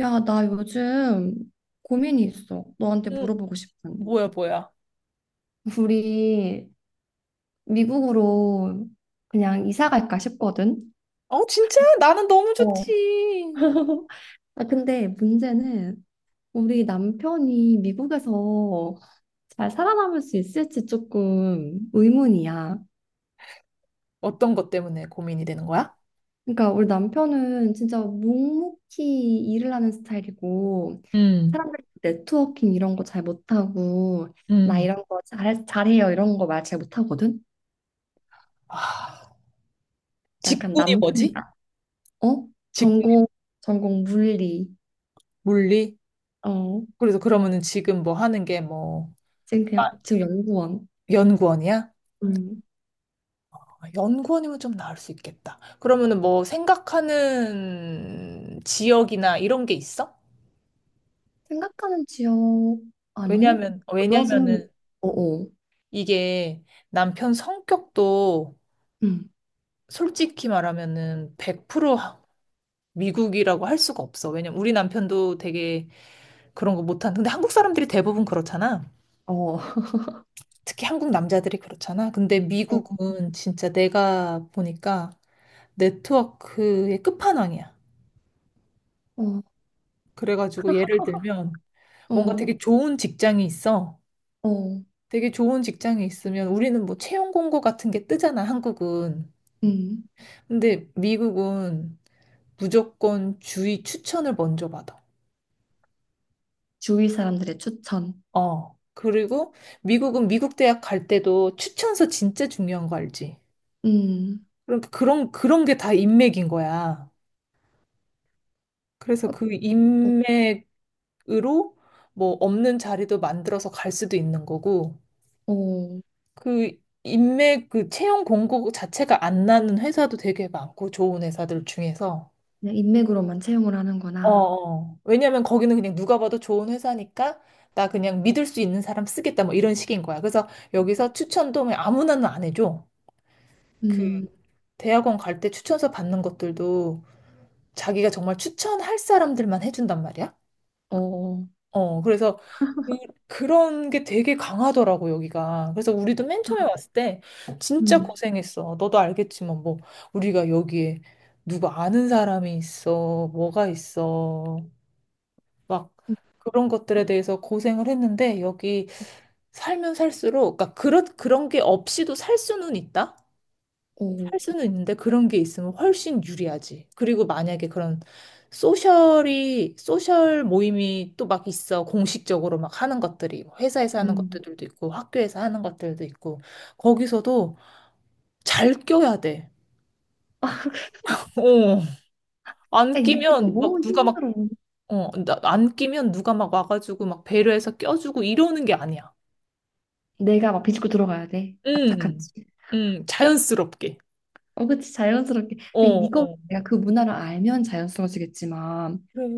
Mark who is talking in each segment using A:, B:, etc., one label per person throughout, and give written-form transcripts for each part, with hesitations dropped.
A: 야, 나 요즘 고민이 있어. 너한테
B: 음,
A: 물어보고 싶은.
B: 뭐야, 뭐야.
A: 우리 미국으로 그냥 이사 갈까 싶거든.
B: 어, 진짜? 나는 너무
A: 어,
B: 좋지.
A: 아, 근데 문제는 우리 남편이 미국에서 잘 살아남을 수 있을지 조금 의문이야.
B: 어떤 것 때문에 고민이 되는 거야?
A: 그러니까 우리 남편은 진짜 묵묵히 일을 하는 스타일이고
B: 음,
A: 사람들 네트워킹 이런 거 잘 못하고 나
B: 음.
A: 이런 거 잘해요 이런 거 말 잘 못하거든.
B: 아,
A: 약간
B: 직군이
A: 남성이
B: 뭐지?
A: 다 어?
B: 직군
A: 전공 전공 물리.
B: 물리?
A: 어.
B: 그래서 그러면은 지금 뭐 하는 게 뭐
A: 지금 대학 지금 연구원.
B: 연구원이야?
A: 음.
B: 아, 연구원이면 좀 나을 수 있겠다. 그러면은 뭐 생각하는 지역이나 이런 게 있어?
A: 생각하는 지역 아니
B: 왜냐면
A: 골라주는
B: 왜냐면은
A: 어어.
B: 이게 남편 성격도
A: 음.
B: 솔직히 말하면은 100% 미국이라고 할 수가 없어. 왜냐면 우리 남편도 되게 그런 거 못한. 근데 한국 사람들이 대부분 그렇잖아.
A: 어. 어.
B: 특히 한국 남자들이 그렇잖아. 근데 미국은 진짜 내가 보니까 네트워크의 끝판왕이야.
A: 어.
B: 그래가지고 예를 들면 뭔가
A: 어.
B: 되게 좋은 직장이 있어.
A: 어.
B: 되게 좋은 직장이 있으면 우리는 뭐 채용 공고 같은 게 뜨잖아, 한국은.
A: 음.
B: 근데 미국은 무조건 주위 추천을 먼저 받아.
A: 주위 사람들의 추천.
B: 어. 그리고 미국은 미국 대학 갈 때도 추천서 진짜 중요한 거 알지?
A: 음.
B: 그럼 그런 게 다 인맥인 거야. 그래서
A: 어.
B: 그
A: 어.
B: 인맥으로 뭐 없는 자리도 만들어서 갈 수도 있는 거고
A: 어.
B: 그 인맥 그 채용 공고 자체가 안 나는 회사도 되게 많고 좋은 회사들 중에서
A: 그냥 인맥으로만 채용을
B: 어,
A: 하는구나.
B: 어. 왜냐면 거기는 그냥 누가 봐도 좋은 회사니까 나 그냥 믿을 수 있는 사람 쓰겠다 뭐 이런 식인 거야. 그래서 여기서 추천도 아무나는 안 해줘. 그
A: 음.
B: 대학원 갈 때 추천서 받는 것들도 자기가 정말 추천할 사람들만 해준단 말이야.
A: 어.
B: 어, 그래서 그, 그런 게 되게 강하더라고, 여기가. 그래서 우리도 맨 처음에 왔을 때 진짜
A: 음.
B: 고생했어. 너도 알겠지만, 뭐, 우리가 여기에 누구 아는 사람이 있어, 뭐가 있어, 막 그런 것들에 대해서 고생을 했는데, 여기 살면 살수록, 그러니까 그런 게 없이도 살 수는 있다? 할
A: 어.
B: 수는 있는데 그런 게 있으면 훨씬 유리하지. 그리고 만약에 그런 소셜이, 소셜 모임이 또 막 있어. 공식적으로 막 하는 것들이. 뭐 회사에서 하는
A: 음.
B: 것들도 있고, 학교에서 하는 것들도 있고. 거기서도 잘 껴야 돼.
A: 아,
B: 어. 안
A: 이게
B: 끼면
A: 너무
B: 막 누가 막,
A: 힘들어.
B: 어, 안 끼면 누가 막 와가지고 막 배려해서 껴주고 이러는 게 아니야.
A: 내가 막 비집고 들어가야 돼.
B: 음,
A: 악착같이.
B: 자연스럽게.
A: 어, 그치, 자연스럽게.
B: 어,
A: 아니, 이거
B: 어.
A: 내가 그 문화를 알면 자연스러워지겠지만,
B: 그래.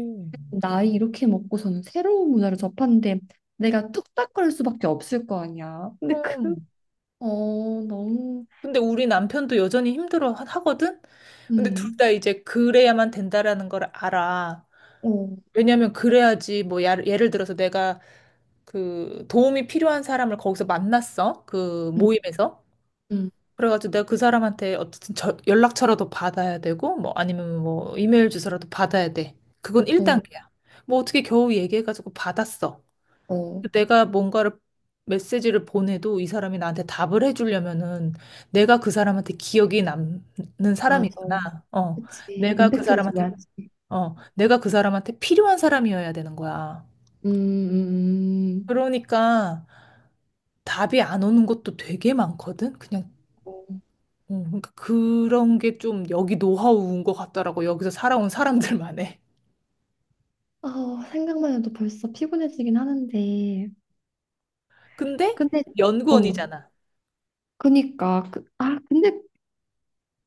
A: 나이 이렇게 먹고서는 새로운 문화를 접하는데 내가 뚝딱거릴 수밖에 없을 거 아니야. 근데 그,
B: 그럼.
A: 어, 너무,
B: 근데 우리 남편도 여전히 힘들어 하거든? 근데 둘
A: 음,
B: 다 이제 그래야만 된다라는 걸 알아.
A: 어,
B: 왜냐면 그래야지 뭐 예를 들어서 내가 그 도움이 필요한 사람을 거기서 만났어. 그
A: 음,
B: 모임에서.
A: 음,
B: 그래가지고 내가 그 사람한테 어쨌든 연락처라도 받아야 되고 뭐 아니면 뭐 이메일 주소라도 받아야 돼. 그건
A: 어,
B: 1단계야. 뭐 어떻게 겨우 얘기해가지고 받았어.
A: 어,
B: 내가 뭔가를 메시지를 보내도 이 사람이 나한테 답을 해주려면은 내가 그 사람한테 기억이 남는
A: 맞아.
B: 사람이구나. 어,
A: 그치,
B: 내가 그
A: 임팩트를
B: 사람한테
A: 줘야지.
B: 어, 내가 그 사람한테 필요한 사람이어야 되는 거야.
A: 음, 음, 음.
B: 그러니까 답이 안 오는 것도 되게 많거든. 그냥
A: 어,
B: 그러니까 그런 게 좀 여기 노하우인 것 같더라고. 여기서 살아온 사람들만의.
A: 아, 생각만 해도 벌써 피곤해지긴 하는데.
B: 근데
A: 근데, 어,
B: 연구원이잖아.
A: 그니까, 그, 아, 근데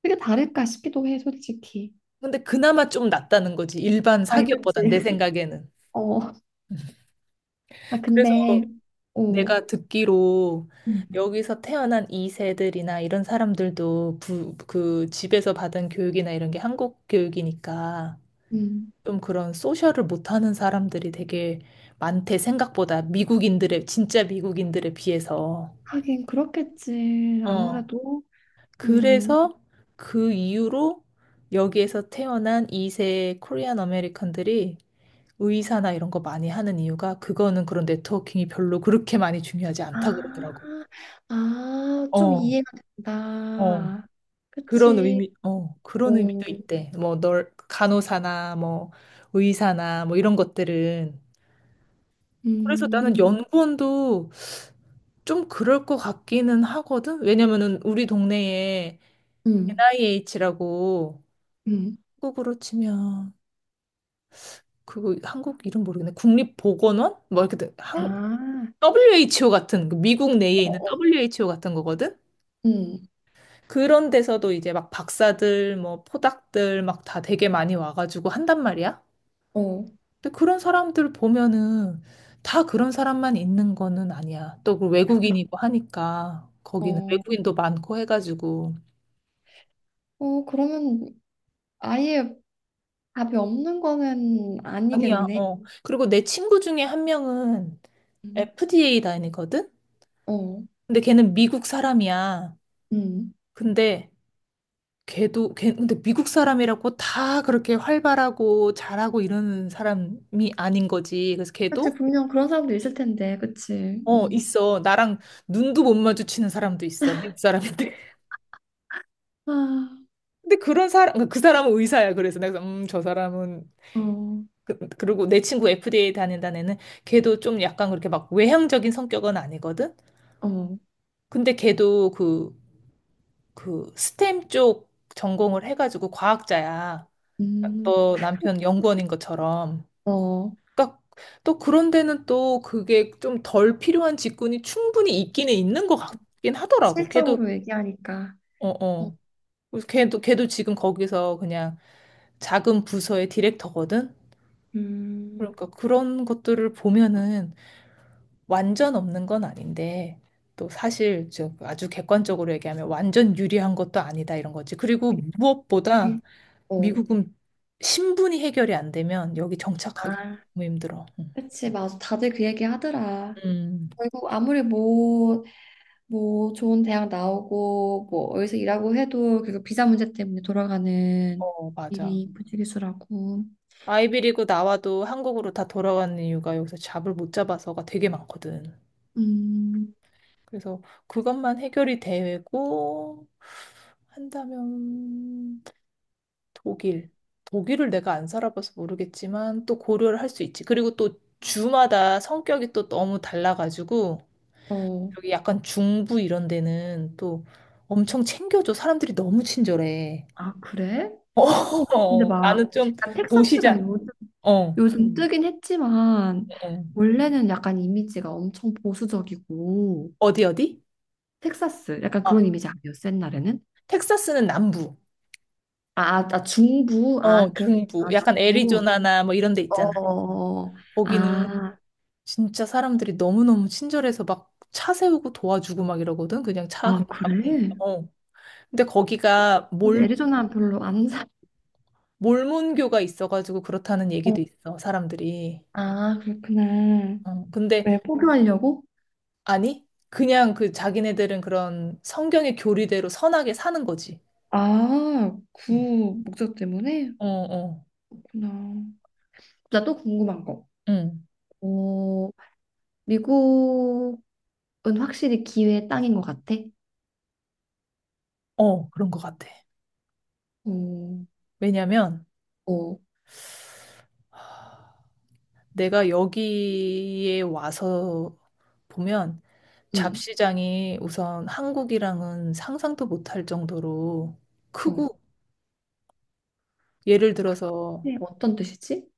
A: 그게 다를까 싶기도 해, 솔직히.
B: 근데 그나마 좀 낫다는 거지. 일반
A: 아이,
B: 사기업보단 내
A: 그치.
B: 생각에는.
A: 어, 아,
B: 그래서
A: 근데, 어,
B: 내가 듣기로
A: 음.
B: 여기서 태어난 이세들이나 이런 사람들도 부, 그 집에서 받은 교육이나 이런 게 한국 교육이니까
A: 음,
B: 좀 그런 소셜을 못하는 사람들이 되게 많대, 생각보다. 미국인들의, 진짜 미국인들에 비해서.
A: 하긴 그렇겠지.
B: 어.
A: 아무래도, 음,
B: 그래서 그 이후로 여기에서 태어난 이세 코리안 아메리칸들이 의사나 이런 거 많이 하는 이유가 그거는 그런 네트워킹이 별로 그렇게 많이 중요하지 않다
A: 아,
B: 그러더라고.
A: 아, 좀
B: 어,
A: 이해가
B: 어.
A: 된다.
B: 그런
A: 그치.
B: 의미, 어,
A: 어,
B: 그런 의미도 있대. 뭐, 널, 간호사나, 뭐, 의사나, 뭐, 이런 것들은. 그래서 나는
A: 음,
B: 연구원도 좀 그럴 것 같기는 하거든? 왜냐면은 우리 동네에
A: 음,
B: NIH라고
A: 음,
B: 한국으로 치면, 그거 한국 이름 모르겠네. 국립보건원? 뭐, 이렇게 돼. 한,
A: 아,
B: WHO 같은, 그 미국 내에
A: 어,
B: 있는
A: 어,
B: WHO 같은 거거든?
A: 음,
B: 그런 데서도 이제 막 박사들, 뭐, 포닥들 막 다 되게 많이 와가지고 한단 말이야.
A: 어,
B: 근데 그런 사람들 보면은 다 그런 사람만 있는 거는 아니야. 또그 외국인이고 하니까 거기는
A: 어,
B: 외국인도 많고 해가지고
A: 어, 그러면 아예 답이 없는 거는
B: 아니야.
A: 아니겠네.
B: 어. 그리고 내 친구 중에 한 명은
A: 음,
B: FDA 다니거든.
A: 어,
B: 근데 걔는 미국 사람이야.
A: 음.
B: 근데 걔도 걔 근데 미국 사람이라고 다 그렇게 활발하고 잘하고 이러는 사람이 아닌 거지. 그래서
A: 그치,
B: 걔도
A: 분명 그런 사람도 있을 텐데, 그치.
B: 어
A: 음.
B: 있어. 나랑 눈도 못 마주치는 사람도 있어. 미국 사람인데.
A: 아,
B: 근데 그런 사람, 그러니까 그 사람은 의사야. 그래서 내가, 저 사람은,
A: 어,
B: 그, 그리고 내 친구 FDA 다닌다는 애는 걔도 좀 약간 그렇게 막 외향적인 성격은 아니거든?
A: 어,
B: 근데 걔도 그, 그 스템 쪽 전공을 해가지고 과학자야.
A: 음,
B: 너 남편 연구원인 것처럼.
A: 어,
B: 그러니까 또 그런 데는 또 그게 좀 덜 필요한 직군이 충분히 있기는 있는 것 같긴 하더라고. 걔도,
A: 실적으로 얘기하니까,
B: 어,
A: 어,
B: 어. 그래서 걔도 지금 거기서 그냥 작은 부서의 디렉터거든?
A: 음,
B: 그러니까 그런 것들을 보면은 완전 없는 건 아닌데 또 사실 저 아주 객관적으로 얘기하면 완전 유리한 것도 아니다 이런 거지. 그리고
A: 그치.
B: 무엇보다
A: 어.
B: 미국은 신분이 해결이 안 되면 여기 정착하기
A: 아,
B: 너무 힘들어. 응.
A: 그치, 맞아. 다들 그 얘기 하더라.
B: 음,
A: 결국 아무리 뭐, 뭐 좋은 대학 나오고, 뭐 어디서 일하고 해도 결국 비자 문제 때문에 돌아가는
B: 어, 맞아.
A: 일이 부지기수라고.
B: 아이비리그 나와도 한국으로 다 돌아가는 이유가 여기서 잡을 못 잡아서가 되게 많거든.
A: 음,
B: 그래서 그것만 해결이 되고 한다면 독일. 독일을 내가 안 살아봐서 모르겠지만 또 고려를 할 수 있지. 그리고 또 주마다 성격이 또 너무 달라가지고
A: 어.
B: 여기 약간 중부 이런 데는 또 엄청 챙겨줘. 사람들이 너무 친절해.
A: 아, 그래?
B: 어,
A: 어, 근데
B: 어,
A: 막,
B: 나는 좀
A: 약간
B: 도시자.
A: 텍사스가 요즘,
B: 어,
A: 요즘 뜨긴 했지만,
B: 어.
A: 원래는 약간 이미지가 엄청 보수적이고,
B: 어디 어디?
A: 텍사스, 약간
B: 아,
A: 그런 이미지 아니었어, 옛날에는?
B: 텍사스는 남부.
A: 아, 아, 아, 중부, 아,
B: 어,
A: 그,
B: 중부.
A: 아,
B: 약간
A: 중부.
B: 애리조나나 뭐 이런 데
A: 어,
B: 있잖아.
A: 어, 어.
B: 거기는
A: 아,
B: 진짜 사람들이 너무너무 친절해서 막 차 세우고 도와주고 막 이러거든. 그냥 차
A: 아,
B: 그냥 가만히.
A: 그래?
B: 있고. 근데
A: 근데 애리조나 별로 안 사,
B: 몰몬교가 있어가지고 그렇다는
A: 어,
B: 얘기도 있어, 사람들이.
A: 아, 그렇구나.
B: 어, 근데,
A: 왜, 포기하려고?
B: 아니, 그냥 그 자기네들은 그런 성경의 교리대로 선하게 사는 거지.
A: 아, 그
B: 응.
A: 목적 때문에?
B: 어, 어,
A: 그렇구나. 나 또 궁금한 거.
B: 응.
A: 어, 미국은 확실히 기회의 땅인 것 같아.
B: 어, 그런 것 같아.
A: 어,
B: 왜냐면
A: 어,
B: 내가 여기에 와서 보면
A: 응,
B: 잡시장이 우선 한국이랑은 상상도 못할 정도로
A: 어.
B: 크고, 예를 들어서
A: 네, 어떤 뜻이지?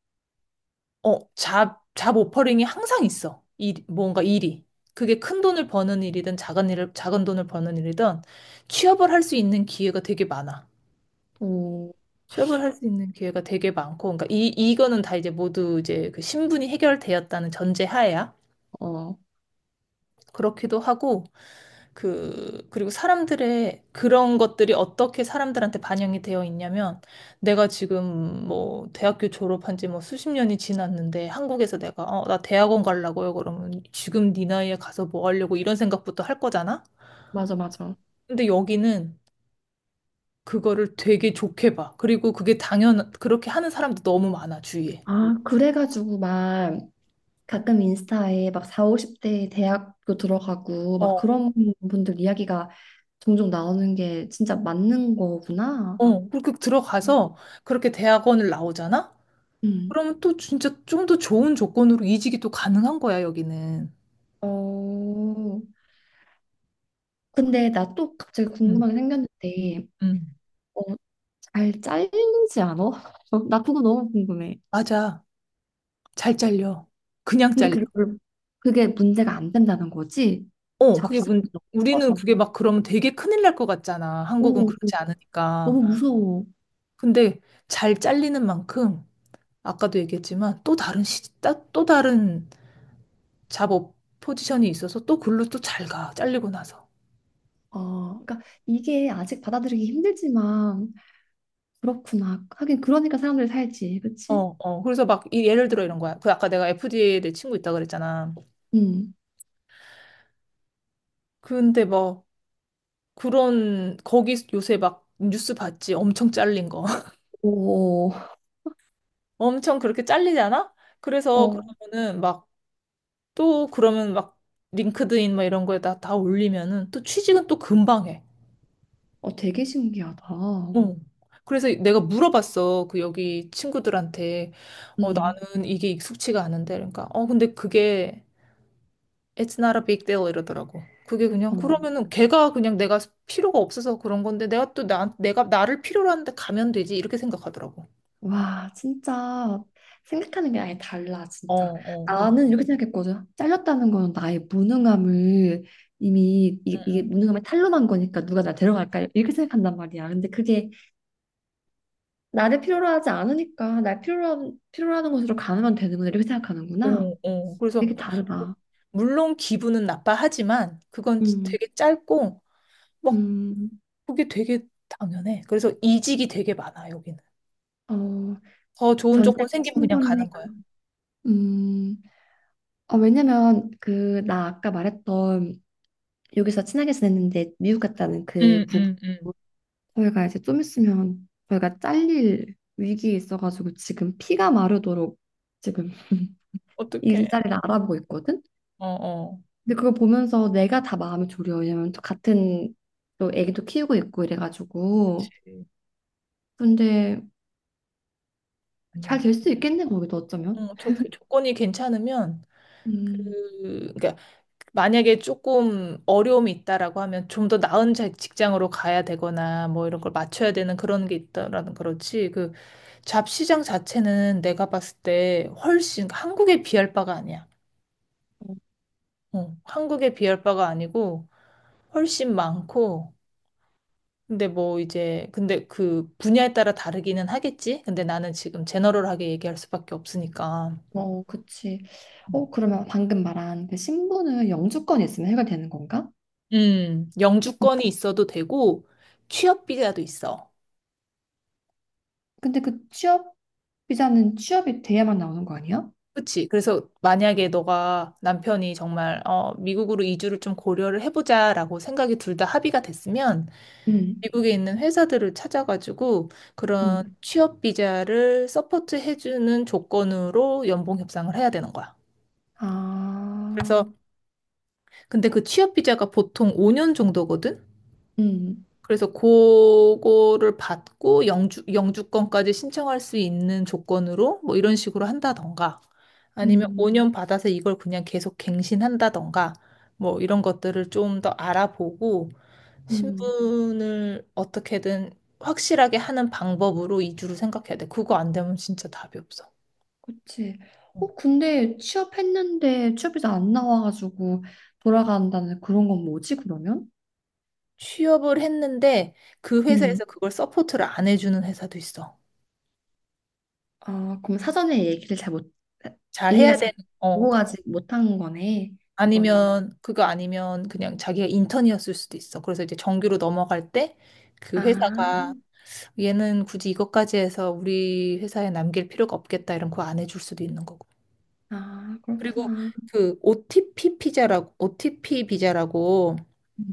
B: 어, 잡 오퍼링이 항상 있어. 일, 뭔가 일이. 그게 큰 돈을 버는 일이든 작은 일을, 작은 돈을 버는 일이든 취업을 할 수 있는 기회가 되게 많아.
A: 어,
B: 취업을 할 수 있는 기회가 되게 많고, 그러니까 이거는 다 이제 모두 이제 그 신분이 해결되었다는 전제 하에야.
A: 어,
B: 그렇기도 하고, 그, 그리고 사람들의 그런 것들이 어떻게 사람들한테 반영이 되어 있냐면, 내가 지금 뭐 대학교 졸업한 지 뭐 수십 년이 지났는데, 한국에서 내가, 어, 나 대학원 가려고요. 그러면 지금 네 나이에 가서 뭐 하려고 이런 생각부터 할 거잖아?
A: 맞아, 맞아.
B: 근데 여기는 그거를 되게 좋게 봐. 그리고 그게 당연, 그렇게 하는 사람도 너무 많아, 주위에.
A: 아, 그래가지고 막 가끔 인스타에 막 4, 50대 대학교 들어가고 막
B: 어,
A: 그런 분들 이야기가 종종 나오는 게 진짜 맞는 거구나.
B: 어, 그렇게 들어가서 그렇게 대학원을 나오잖아?
A: 음.
B: 그러면 또 진짜 좀 더 좋은 조건으로 이직이 또 가능한 거야, 여기는.
A: 어, 근데 나 또 갑자기
B: 음,
A: 궁금한 게 생겼는데,
B: 음.
A: 어, 잘 잘리지 않아? 나 그거 너무 궁금해.
B: 맞아. 잘 잘려. 그냥
A: 근데
B: 잘려.
A: 그게 별로- 그게 문제가 안 된다는 거지.
B: 어, 그게
A: 잡식이
B: 문,
A: 너무
B: 우리는
A: 커서.
B: 그게 막 그러면 되게 큰일 날 것 같잖아. 한국은
A: 오,
B: 그렇지 않으니까.
A: 너무 무서워.
B: 근데 잘 잘리는 만큼, 아까도 얘기했지만 또 다른 또 다른 잡업 포지션이 있어서 또 글로 또 잘 가. 잘리고 나서.
A: 아, 그러니까 이게 아직 받아들이기 힘들지만 그렇구나. 하긴 그러니까 사람들이 살지, 그렇지?
B: 어, 어. 그래서 막 예를 들어 이런 거야. 그 아까 내가 FDA 내 친구 있다 그랬잖아.
A: 음.
B: 근데 뭐 그런 거기 요새 막 뉴스 봤지 엄청 잘린 거
A: 오,
B: 엄청 그렇게 잘리잖아. 그래서
A: 어,
B: 그러면은 막 또 그러면 막 링크드인 막 이런 거에다 다 올리면은 또 취직은 또 금방 해.
A: 어, 되게 신기하다.
B: 어. 그래서 내가 물어봤어 그 여기 친구들한테. 어
A: 음.
B: 나는 이게 익숙치가 않은데 그러니까 어 근데 그게 It's not a big deal 이러더라고. 그게 그냥
A: 어.
B: 그러면은 걔가 그냥 내가 필요가 없어서 그런 건데 내가 또 내가 나를 필요로 하는데 가면 되지 이렇게 생각하더라고.
A: 와, 진짜 생각하는 게 아예 달라,
B: 어,
A: 진짜.
B: 어.
A: 나는 이렇게 생각했거든. 잘렸다는 건 나의 무능함을 이미 이 무능함을 탄로난 거니까 누가 나 데려갈까 이렇게 생각한단 말이야. 근데 그게 나를 필요로 하지 않으니까 날 필요로 하는 곳으로 가면 되는구나 이렇게 생각하는구나.
B: 어, 어. 그래서
A: 되게 다르다.
B: 물론 기분은 나빠하지만 그건
A: 음,
B: 되게 짧고 막
A: 음,
B: 그게 되게 당연해. 그래서 이직이 되게 많아 여기는.
A: 어,
B: 더 좋은
A: 전쟁
B: 조건 생기면 그냥 가는
A: 친분해가.
B: 거야.
A: 음, 어, 왜냐면 그 나 아까 말했던 여기서 친하게 지냈는데 미국 갔다는
B: 응,
A: 그 부부.
B: 응, 응.
A: 저희가 이제 좀 있으면 저희가 잘릴 위기에 있어가지고 지금 피가 마르도록 지금
B: 어떡해.
A: 일자리를 알아보고 있거든.
B: 어, 어.
A: 근데 그걸 보면서 내가 다 마음이 졸여. 왜냐면 또 같은 또 애기도 키우고 있고 이래가지고.
B: 그치.
A: 근데
B: 아니야.
A: 잘 될 수 있겠네 거기도 어쩌면.
B: 어, 조건이 괜찮으면
A: 음,
B: 그 그러니까 만약에 조금 어려움이 있다라고 하면 좀 더 나은 직장으로 가야 되거나 뭐 이런 걸 맞춰야 되는 그런 게 있다라는 그렇지. 잡시장 자체는 내가 봤을 때 훨씬 한국에 비할 바가 아니야. 어, 한국에 비할 바가 아니고 훨씬 많고 근데 뭐 이제 근데 그 분야에 따라 다르기는 하겠지. 근데 나는 지금 제너럴하게 얘기할 수밖에 없으니까.
A: 어, 그치. 어, 그러면 방금 말한 그 신분은 영주권이 있으면 해결되는 건가? 음.
B: 영주권이 있어도 되고 취업 비자도 있어.
A: 근데 그 취업 비자는 취업이 돼야만 나오는 거 아니야?
B: 그치? 그래서 만약에 너가 남편이 정말 어, 미국으로 이주를 좀 고려를 해보자라고 생각이 둘 다 합의가 됐으면
A: 음,
B: 미국에 있는 회사들을 찾아가지고 그런
A: 음.
B: 취업 비자를 서포트 해주는 조건으로 연봉 협상을 해야 되는 거야.
A: 아.
B: 그래서 근데 그 취업 비자가 보통 5년 정도거든.
A: 음,
B: 그래서 그거를 받고 영주 영주권까지 신청할 수 있는 조건으로 뭐 이런 식으로 한다던가 아니면
A: 음,
B: 5년 받아서 이걸 그냥 계속 갱신한다던가 뭐 이런 것들을 좀 더 알아보고
A: 음,
B: 신분을 어떻게든 확실하게 하는 방법으로 이주를 생각해야 돼. 그거 안 되면 진짜 답이 없어.
A: 그치.
B: 어.
A: 어, 근데 취업했는데 취업해서 안 나와가지고 돌아간다는 그런 건 뭐지, 그러면?
B: 취업을 했는데 그
A: 음,
B: 회사에서 그걸 서포트를 안 해주는 회사도 있어.
A: 아, 그럼 사전에 얘기를 잘 못,
B: 잘
A: 얘기가
B: 해야
A: 잘
B: 되는, 어, 그-
A: 오가지 못한 거네, 그거는.
B: 아니면, 그거 아니면 그냥 자기가 인턴이었을 수도 있어. 그래서 이제 정규로 넘어갈 때 그
A: 아,
B: 회사가 얘는 굳이 이것까지 해서 우리 회사에 남길 필요가 없겠다 이런 거 안 해줄 수도 있는 거고.
A: 아,
B: 그리고
A: 그렇구나.
B: 그 OTP 피자라고, OTP 비자라고
A: 음,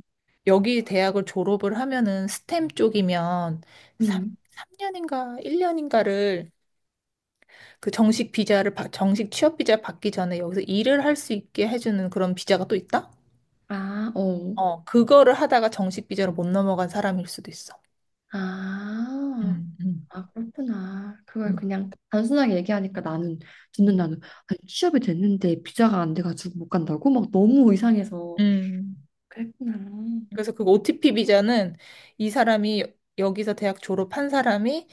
B: 여기 대학을 졸업을 하면은 스템 쪽이면 3,
A: 음.
B: 년인가 1년인가를 그 정식 비자를 정식 취업 비자 받기 전에 여기서 일을 할 수 있게 해주는 그런 비자가 또 있다?
A: 아, 어,
B: 어, 그거를 하다가 정식 비자로 못 넘어간 사람일 수도 있어.
A: 아,
B: 음, 음,
A: 아, 그렇구나. 그걸
B: 음,
A: 그냥 단순하게 얘기하니까 나는, 듣는
B: 음.
A: 나는, 아니, 취업이 됐는데 비자가 안 돼가지고 못 간다고? 막 너무 이상해서.
B: 음.
A: 그랬구나.
B: 그래서 그 OTP 비자는 이 사람이 여기서 대학 졸업한 사람이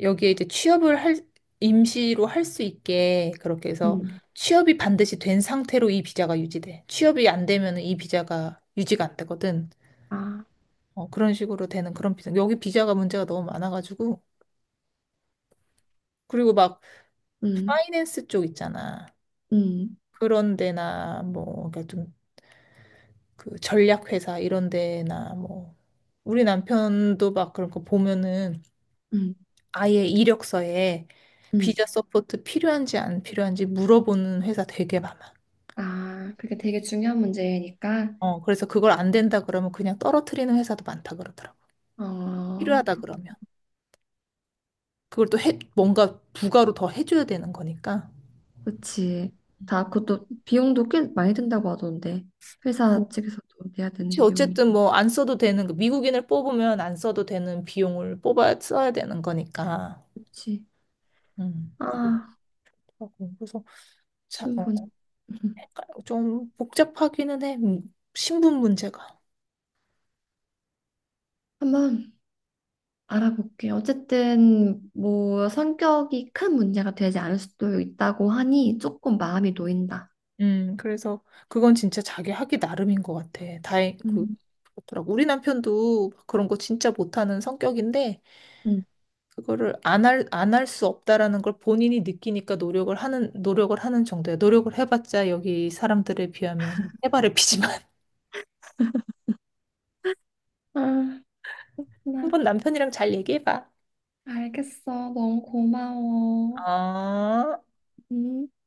B: 여기에 이제 취업을 할, 임시로 할 수 있게 그렇게 해서
A: 음,
B: 취업이 반드시 된 상태로 이 비자가 유지돼. 취업이 안 되면 이 비자가 유지가 안 되거든.
A: 아,
B: 어, 그런 식으로 되는 그런 비자. 여기 비자가 문제가 너무 많아가지고. 그리고 막
A: 음,
B: 파이낸스 쪽 있잖아.
A: 음,
B: 그런 데나 뭐, 그러니까 좀 그 전략회사 이런 데나 뭐. 우리 남편도 막 그런 거 보면은
A: 음,
B: 아예 이력서에
A: 음.
B: 비자 서포트 필요한지 안 필요한지 물어보는 회사 되게 많아.
A: 아, 그게 되게 중요한 문제니까.
B: 어, 그래서 그걸 안 된다 그러면 그냥 떨어뜨리는 회사도 많다 그러더라고.
A: 어,
B: 필요하다
A: 그렇,
B: 그러면. 그걸 또 해, 뭔가 부가로 더 해줘야 되는 거니까.
A: 그치. 다, 그것도 비용도 꽤 많이 든다고 하던데.
B: 음.
A: 회사 측에서도 내야 되는
B: 그치,
A: 비용이.
B: 어쨌든 뭐 안 써도 되는, 거, 미국인을 뽑으면 안 써도 되는 비용을 뽑아 써야 되는 거니까.
A: 그치.
B: 음,
A: 아,
B: 그렇더라고. 그래서 자, 어,
A: 신분.
B: 좀 복잡하기는 해. 신분 문제가.
A: 한번 알아볼게요. 어쨌든 뭐 성격이 큰 문제가 되지 않을 수도 있다고 하니 조금 마음이 놓인다.
B: 그래서 그건 진짜 자기 하기 나름인 것 같아. 다행, 그,
A: 음,
B: 그렇더라고. 우리 남편도 그런 거 진짜 못하는 성격인데,
A: 음.
B: 그거를 안 할, 안 할 수 없다라는 걸 본인이 느끼니까 노력을 하는, 노력을 하는 정도야. 노력을 해봤자 여기 사람들에 비하면 해바라피지만.
A: 아, 나
B: 한번 남편이랑 잘 얘기해봐.
A: 알겠어. 너무 고마워.
B: 아.
A: 음.